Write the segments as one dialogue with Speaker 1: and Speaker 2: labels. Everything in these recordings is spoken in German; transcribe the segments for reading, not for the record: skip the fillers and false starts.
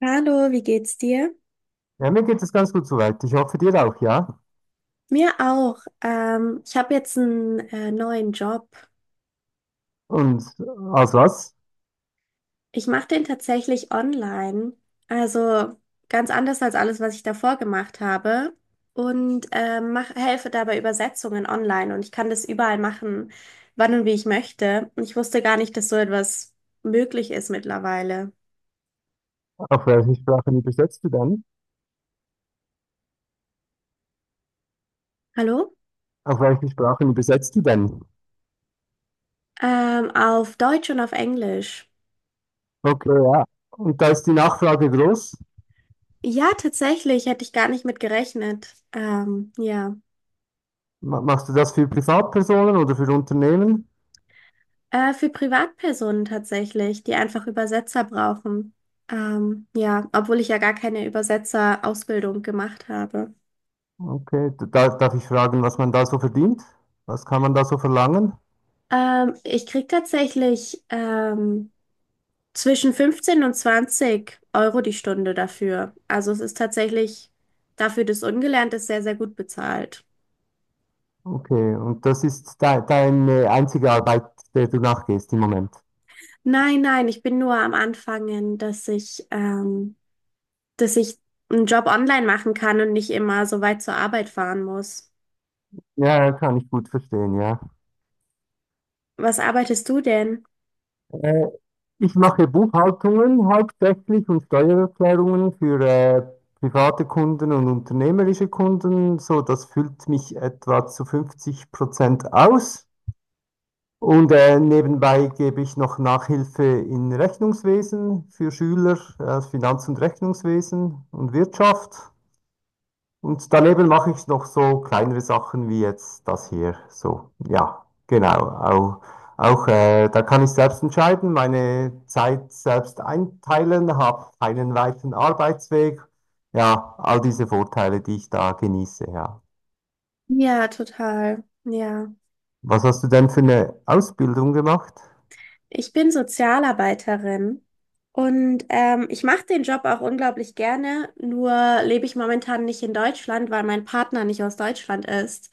Speaker 1: Hallo, wie geht's dir?
Speaker 2: Ja, mir geht es ganz gut soweit. Ich hoffe dir auch, ja.
Speaker 1: Mir auch. Ich habe jetzt einen neuen Job.
Speaker 2: Und aus was?
Speaker 1: Ich mache den tatsächlich online. Also ganz anders als alles, was ich davor gemacht habe. Und helfe dabei Übersetzungen online. Und ich kann das überall machen, wann und wie ich möchte. Und ich wusste gar nicht, dass so etwas möglich ist mittlerweile.
Speaker 2: Auf welche Sprachen übersetzt du denn?
Speaker 1: Hallo?
Speaker 2: Auf welche Sprachen übersetzt du denn?
Speaker 1: Auf Deutsch und auf Englisch.
Speaker 2: Okay, ja. Und da ist die Nachfrage groß.
Speaker 1: Ja, tatsächlich, hätte ich gar nicht mit gerechnet. Ja.
Speaker 2: Machst du das für Privatpersonen oder für Unternehmen?
Speaker 1: Für Privatpersonen tatsächlich, die einfach Übersetzer brauchen. Ja, obwohl ich ja gar keine Übersetzerausbildung gemacht habe.
Speaker 2: Okay, da, darf ich fragen, was man da so verdient? Was kann man da so verlangen?
Speaker 1: Ich krieg tatsächlich zwischen 15 und 20 Euro die Stunde dafür. Also es ist tatsächlich dafür, dass ungelernt ist, sehr, sehr gut bezahlt.
Speaker 2: Okay, und das ist de deine einzige Arbeit, der du nachgehst im Moment.
Speaker 1: Nein, nein, ich bin nur am Anfangen, dass ich einen Job online machen kann und nicht immer so weit zur Arbeit fahren muss.
Speaker 2: Ja, kann ich gut verstehen, ja.
Speaker 1: Was arbeitest du denn?
Speaker 2: Äh, Ich mache Buchhaltungen hauptsächlich und Steuererklärungen für private Kunden und unternehmerische Kunden. So, das füllt mich etwa zu 50% aus. Und nebenbei gebe ich noch Nachhilfe in Rechnungswesen für Schüler, Finanz- und Rechnungswesen und Wirtschaft. Und daneben mache ich noch so kleinere Sachen wie jetzt das hier. So, ja, genau. Auch, da kann ich selbst entscheiden, meine Zeit selbst einteilen, habe einen weiten Arbeitsweg. Ja, all diese Vorteile, die ich da genieße, ja.
Speaker 1: Ja, total. Ja.
Speaker 2: Was hast du denn für eine Ausbildung gemacht?
Speaker 1: Ich bin Sozialarbeiterin und ich mache den Job auch unglaublich gerne, nur lebe ich momentan nicht in Deutschland, weil mein Partner nicht aus Deutschland ist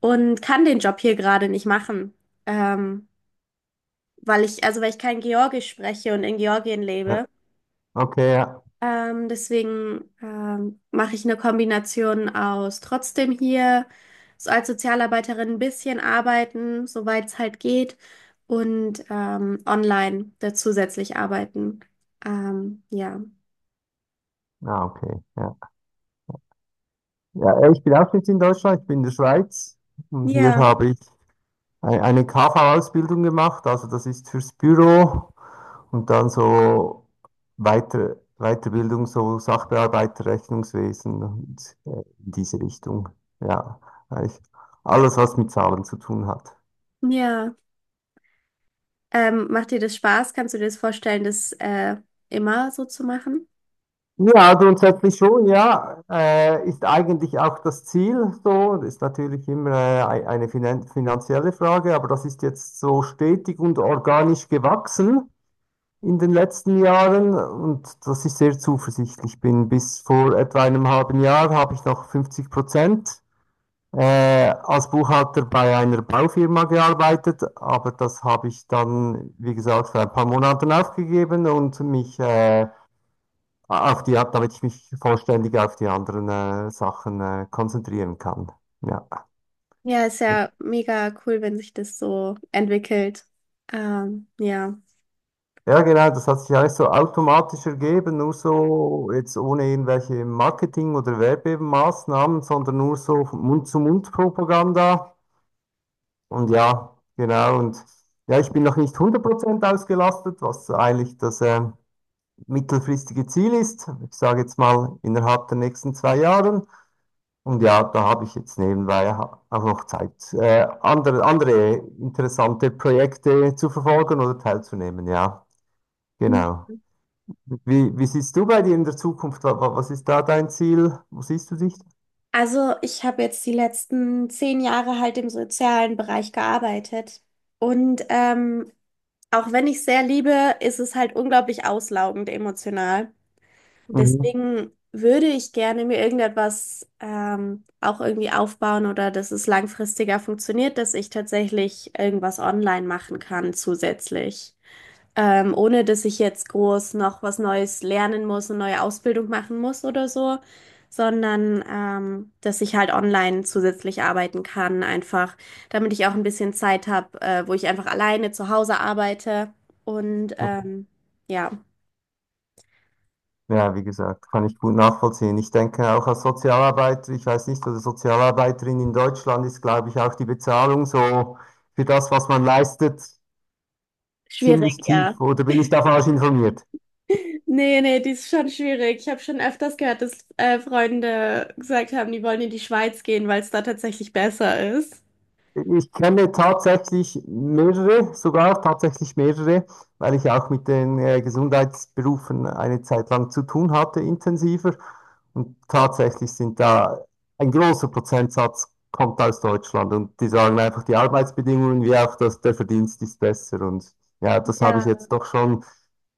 Speaker 1: und kann den Job hier gerade nicht machen, ähm, weil ich, also weil ich kein Georgisch spreche und in Georgien
Speaker 2: Ja,
Speaker 1: lebe.
Speaker 2: okay, ja.
Speaker 1: Deswegen mache ich eine Kombination aus trotzdem hier so als Sozialarbeiterin ein bisschen arbeiten, soweit es halt geht, und online da zusätzlich arbeiten. Ja.
Speaker 2: Ah, okay, ja. Ja, ich bin auch nicht in Deutschland, ich bin in der Schweiz und hier
Speaker 1: Ja,
Speaker 2: habe ich eine KV-Ausbildung gemacht, also das ist fürs Büro und dann so weiter, Weiterbildung, so Sachbearbeiter, Rechnungswesen und in diese Richtung. Ja, eigentlich alles, was mit Zahlen zu tun hat.
Speaker 1: ja. Macht dir das Spaß? Kannst du dir das vorstellen, das immer so zu machen?
Speaker 2: Ja, grundsätzlich schon, ja. Ist eigentlich auch das Ziel so. Das ist natürlich immer eine finanzielle Frage, aber das ist jetzt so stetig und organisch gewachsen in den letzten Jahren und dass ich sehr zuversichtlich bin. Bis vor etwa einem halben Jahr habe ich noch 50% als Buchhalter bei einer Baufirma gearbeitet, aber das habe ich dann, wie gesagt, vor ein paar Monaten aufgegeben und mich damit ich mich vollständig auf die anderen Sachen konzentrieren kann. Ja.
Speaker 1: Ja, ist ja mega cool, wenn sich das so entwickelt. Ja.
Speaker 2: Ja, genau, das hat sich eigentlich so automatisch ergeben, nur so jetzt ohne irgendwelche Marketing- oder Werbemaßnahmen, sondern nur so Mund-zu-Mund-Propaganda. Und ja, genau. Und ja, ich bin noch nicht 100% ausgelastet, was eigentlich das mittelfristige Ziel ist. Ich sage jetzt mal innerhalb der nächsten 2 Jahren. Und ja, da habe ich jetzt nebenbei auch noch Zeit, andere interessante Projekte zu verfolgen oder teilzunehmen. Ja, genau. Wie siehst du bei dir in der Zukunft? Was ist da dein Ziel? Wo siehst du dich?
Speaker 1: Also, ich habe jetzt die letzten 10 Jahre halt im sozialen Bereich gearbeitet. Und auch wenn ich sehr liebe, ist es halt unglaublich auslaugend emotional.
Speaker 2: Mhm.
Speaker 1: Deswegen würde ich gerne mir irgendetwas auch irgendwie aufbauen oder dass es langfristiger funktioniert, dass ich tatsächlich irgendwas online machen kann zusätzlich, ohne dass ich jetzt groß noch was Neues lernen muss und neue Ausbildung machen muss oder so, sondern dass ich halt online zusätzlich arbeiten kann, einfach, damit ich auch ein bisschen Zeit habe, wo ich einfach alleine zu Hause arbeite. Und ja,
Speaker 2: Ja, wie gesagt, kann ich gut nachvollziehen. Ich denke auch als Sozialarbeiter, ich weiß nicht, oder Sozialarbeiterin in Deutschland ist, glaube ich, auch die Bezahlung so für das, was man leistet,
Speaker 1: schwierig,
Speaker 2: ziemlich
Speaker 1: ja.
Speaker 2: tief. Oder bin ich da falsch informiert?
Speaker 1: Nee, nee, die ist schon schwierig. Ich habe schon öfters gehört, dass Freunde gesagt haben, die wollen in die Schweiz gehen, weil es da tatsächlich besser ist.
Speaker 2: Ich kenne tatsächlich mehrere, sogar tatsächlich mehrere, weil ich auch mit den Gesundheitsberufen eine Zeit lang zu tun hatte, intensiver. Und tatsächlich sind da ein großer Prozentsatz kommt aus Deutschland und die sagen einfach, die Arbeitsbedingungen wie auch das, der Verdienst ist besser. Und ja, das habe
Speaker 1: Ja,
Speaker 2: ich jetzt doch schon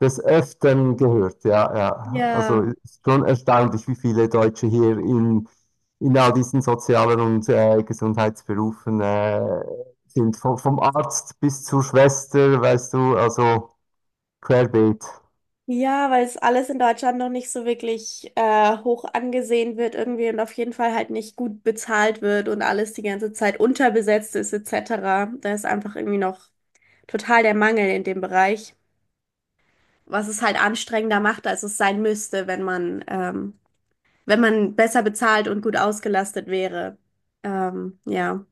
Speaker 2: des Öfteren gehört. Ja, ja. Also
Speaker 1: ja.
Speaker 2: es ist schon erstaunlich, wie viele Deutsche hier in all diesen sozialen und Gesundheitsberufen sind. Vom Arzt bis zur Schwester, weißt du, also querbeet.
Speaker 1: Ja, weil es alles in Deutschland noch nicht so wirklich hoch angesehen wird irgendwie und auf jeden Fall halt nicht gut bezahlt wird und alles die ganze Zeit unterbesetzt ist etc. Da ist einfach irgendwie noch total der Mangel in dem Bereich, was es halt anstrengender macht, als es sein müsste, wenn man wenn man besser bezahlt und gut ausgelastet wäre. Ja.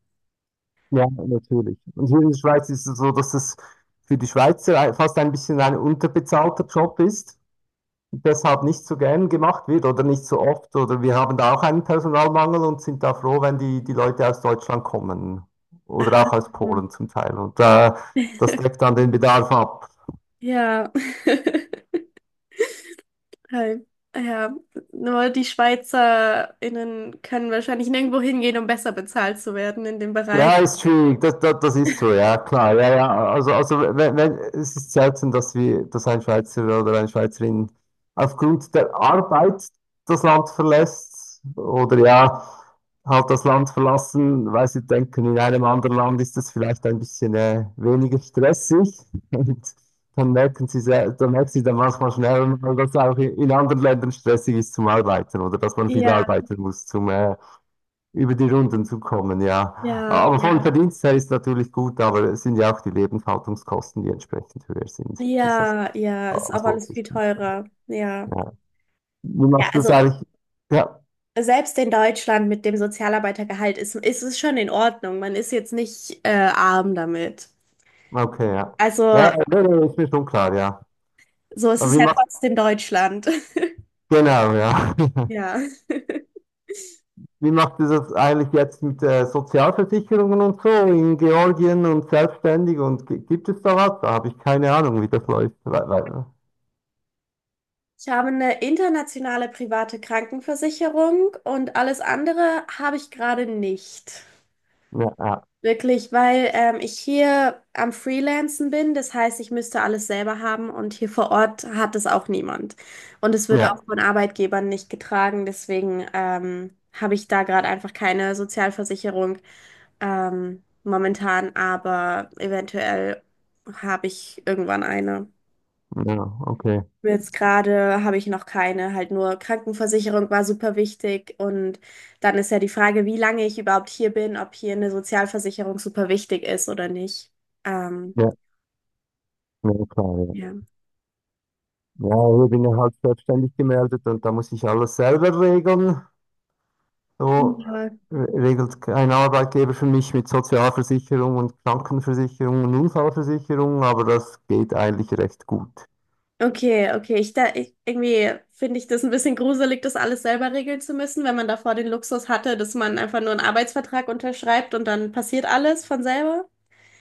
Speaker 2: Ja, natürlich. Und hier in der Schweiz ist es so, dass es für die Schweizer fast ein bisschen ein unterbezahlter Job ist, deshalb nicht so gern gemacht wird oder nicht so oft. Oder wir haben da auch einen Personalmangel und sind da froh, wenn die, die Leute aus Deutschland kommen oder auch
Speaker 1: Ah,
Speaker 2: aus Polen zum Teil. Und das deckt dann den Bedarf ab.
Speaker 1: ja. Halt, ja, nur die SchweizerInnen können wahrscheinlich nirgendwo hingehen, um besser bezahlt zu werden in dem Bereich.
Speaker 2: Ja, ist schwierig, das ist so, ja, klar, ja, ja, also wenn, wenn, es ist selten, dass ein Schweizer oder eine Schweizerin aufgrund der Arbeit das Land verlässt oder ja, halt das Land verlassen, weil sie denken, in einem anderen Land ist es vielleicht ein bisschen weniger stressig und dann merken sie dann manchmal schnell, dass es auch in anderen Ländern stressig ist zum Arbeiten oder dass man viel
Speaker 1: Ja,
Speaker 2: arbeiten muss über die Runden zu kommen, ja.
Speaker 1: ja,
Speaker 2: Aber vom
Speaker 1: ja.
Speaker 2: Verdienst her ist natürlich gut, aber es sind ja auch die Lebenshaltungskosten, die entsprechend höher sind. Ist ja
Speaker 1: Ja, ja,
Speaker 2: klar,
Speaker 1: ist auch
Speaker 2: was lohnt
Speaker 1: alles viel
Speaker 2: sich tun.
Speaker 1: teurer. Ja.
Speaker 2: Ja. Wie
Speaker 1: Ja,
Speaker 2: machst du das
Speaker 1: also
Speaker 2: eigentlich? Ja,
Speaker 1: selbst in Deutschland mit dem Sozialarbeitergehalt ist es schon in Ordnung. Man ist jetzt nicht arm damit.
Speaker 2: okay, ja. Ja,
Speaker 1: Also,
Speaker 2: ja, nee, nee, ist mir schon klar, ja.
Speaker 1: so
Speaker 2: Aber
Speaker 1: ist
Speaker 2: wie
Speaker 1: ja
Speaker 2: macht
Speaker 1: trotzdem Deutschland.
Speaker 2: Genau, ja.
Speaker 1: Ja.
Speaker 2: Wie macht ihr das eigentlich jetzt mit Sozialversicherungen und so in Georgien und selbstständig und gibt es da was? Da habe ich keine Ahnung, wie das läuft.
Speaker 1: Ich habe eine internationale private Krankenversicherung und alles andere habe ich gerade nicht.
Speaker 2: Ja, ja,
Speaker 1: Wirklich, weil ich hier am Freelancen bin, das heißt, ich müsste alles selber haben und hier vor Ort hat es auch niemand. Und es wird auch
Speaker 2: ja,
Speaker 1: von Arbeitgebern nicht getragen, deswegen habe ich da gerade einfach keine Sozialversicherung momentan, aber eventuell habe ich irgendwann eine.
Speaker 2: ja, okay.
Speaker 1: Jetzt gerade habe ich noch keine, halt nur Krankenversicherung war super wichtig und dann ist ja die Frage, wie lange ich überhaupt hier bin, ob hier eine Sozialversicherung super wichtig ist oder nicht. Ähm,
Speaker 2: Ja, ja, klar, ja.
Speaker 1: ja.
Speaker 2: Ja, ich bin ja halt selbstständig gemeldet und da muss ich alles selber regeln. So
Speaker 1: Ja.
Speaker 2: regelt kein Arbeitgeber für mich mit Sozialversicherung und Krankenversicherung und Unfallversicherung, aber das geht eigentlich recht gut.
Speaker 1: Okay, okay. Irgendwie finde ich das ein bisschen gruselig, das alles selber regeln zu müssen, wenn man davor den Luxus hatte, dass man einfach nur einen Arbeitsvertrag unterschreibt und dann passiert alles von selber.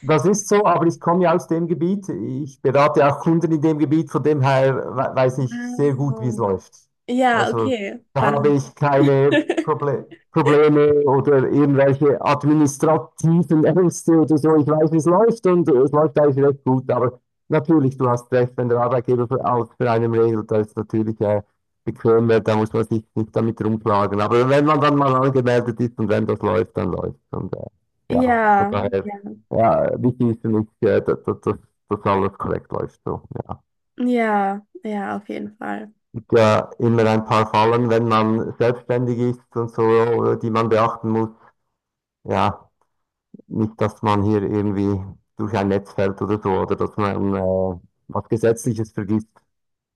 Speaker 2: Das ist so, aber ich komme ja aus dem Gebiet. Ich berate auch Kunden in dem Gebiet, von dem her weiß ich sehr gut, wie es
Speaker 1: Ah.
Speaker 2: läuft.
Speaker 1: Ja,
Speaker 2: Also
Speaker 1: okay.
Speaker 2: da habe
Speaker 1: Dann.
Speaker 2: ich keine Probleme oder irgendwelche administrativen Ängste oder so. Ich weiß, wie es läuft und es läuft eigentlich recht gut. Aber natürlich, du hast recht, wenn der Arbeitgeber für, auch für einen regelt, da ist natürlich bequemer, da muss man sich nicht damit rumplagen. Aber wenn man dann mal angemeldet ist und wenn das läuft, dann läuft. Und ja, von
Speaker 1: Ja,
Speaker 2: daher.
Speaker 1: ja,
Speaker 2: Ja, wichtig ist für mich, dass, dass alles korrekt läuft. So. Ja. Es
Speaker 1: ja, ja, auf jeden Fall.
Speaker 2: gibt ja immer ein paar Fallen, wenn man selbstständig ist und so, die man beachten muss. Ja, nicht, dass man hier irgendwie durch ein Netz fällt oder so, oder dass man was Gesetzliches vergisst.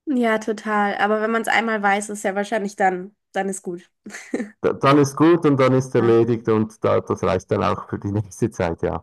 Speaker 1: Ja, total. Aber wenn man es einmal weiß, ist ja wahrscheinlich dann ist gut.
Speaker 2: Dann ist gut und dann ist
Speaker 1: Ja.
Speaker 2: erledigt und das reicht dann auch für die nächste Zeit, ja.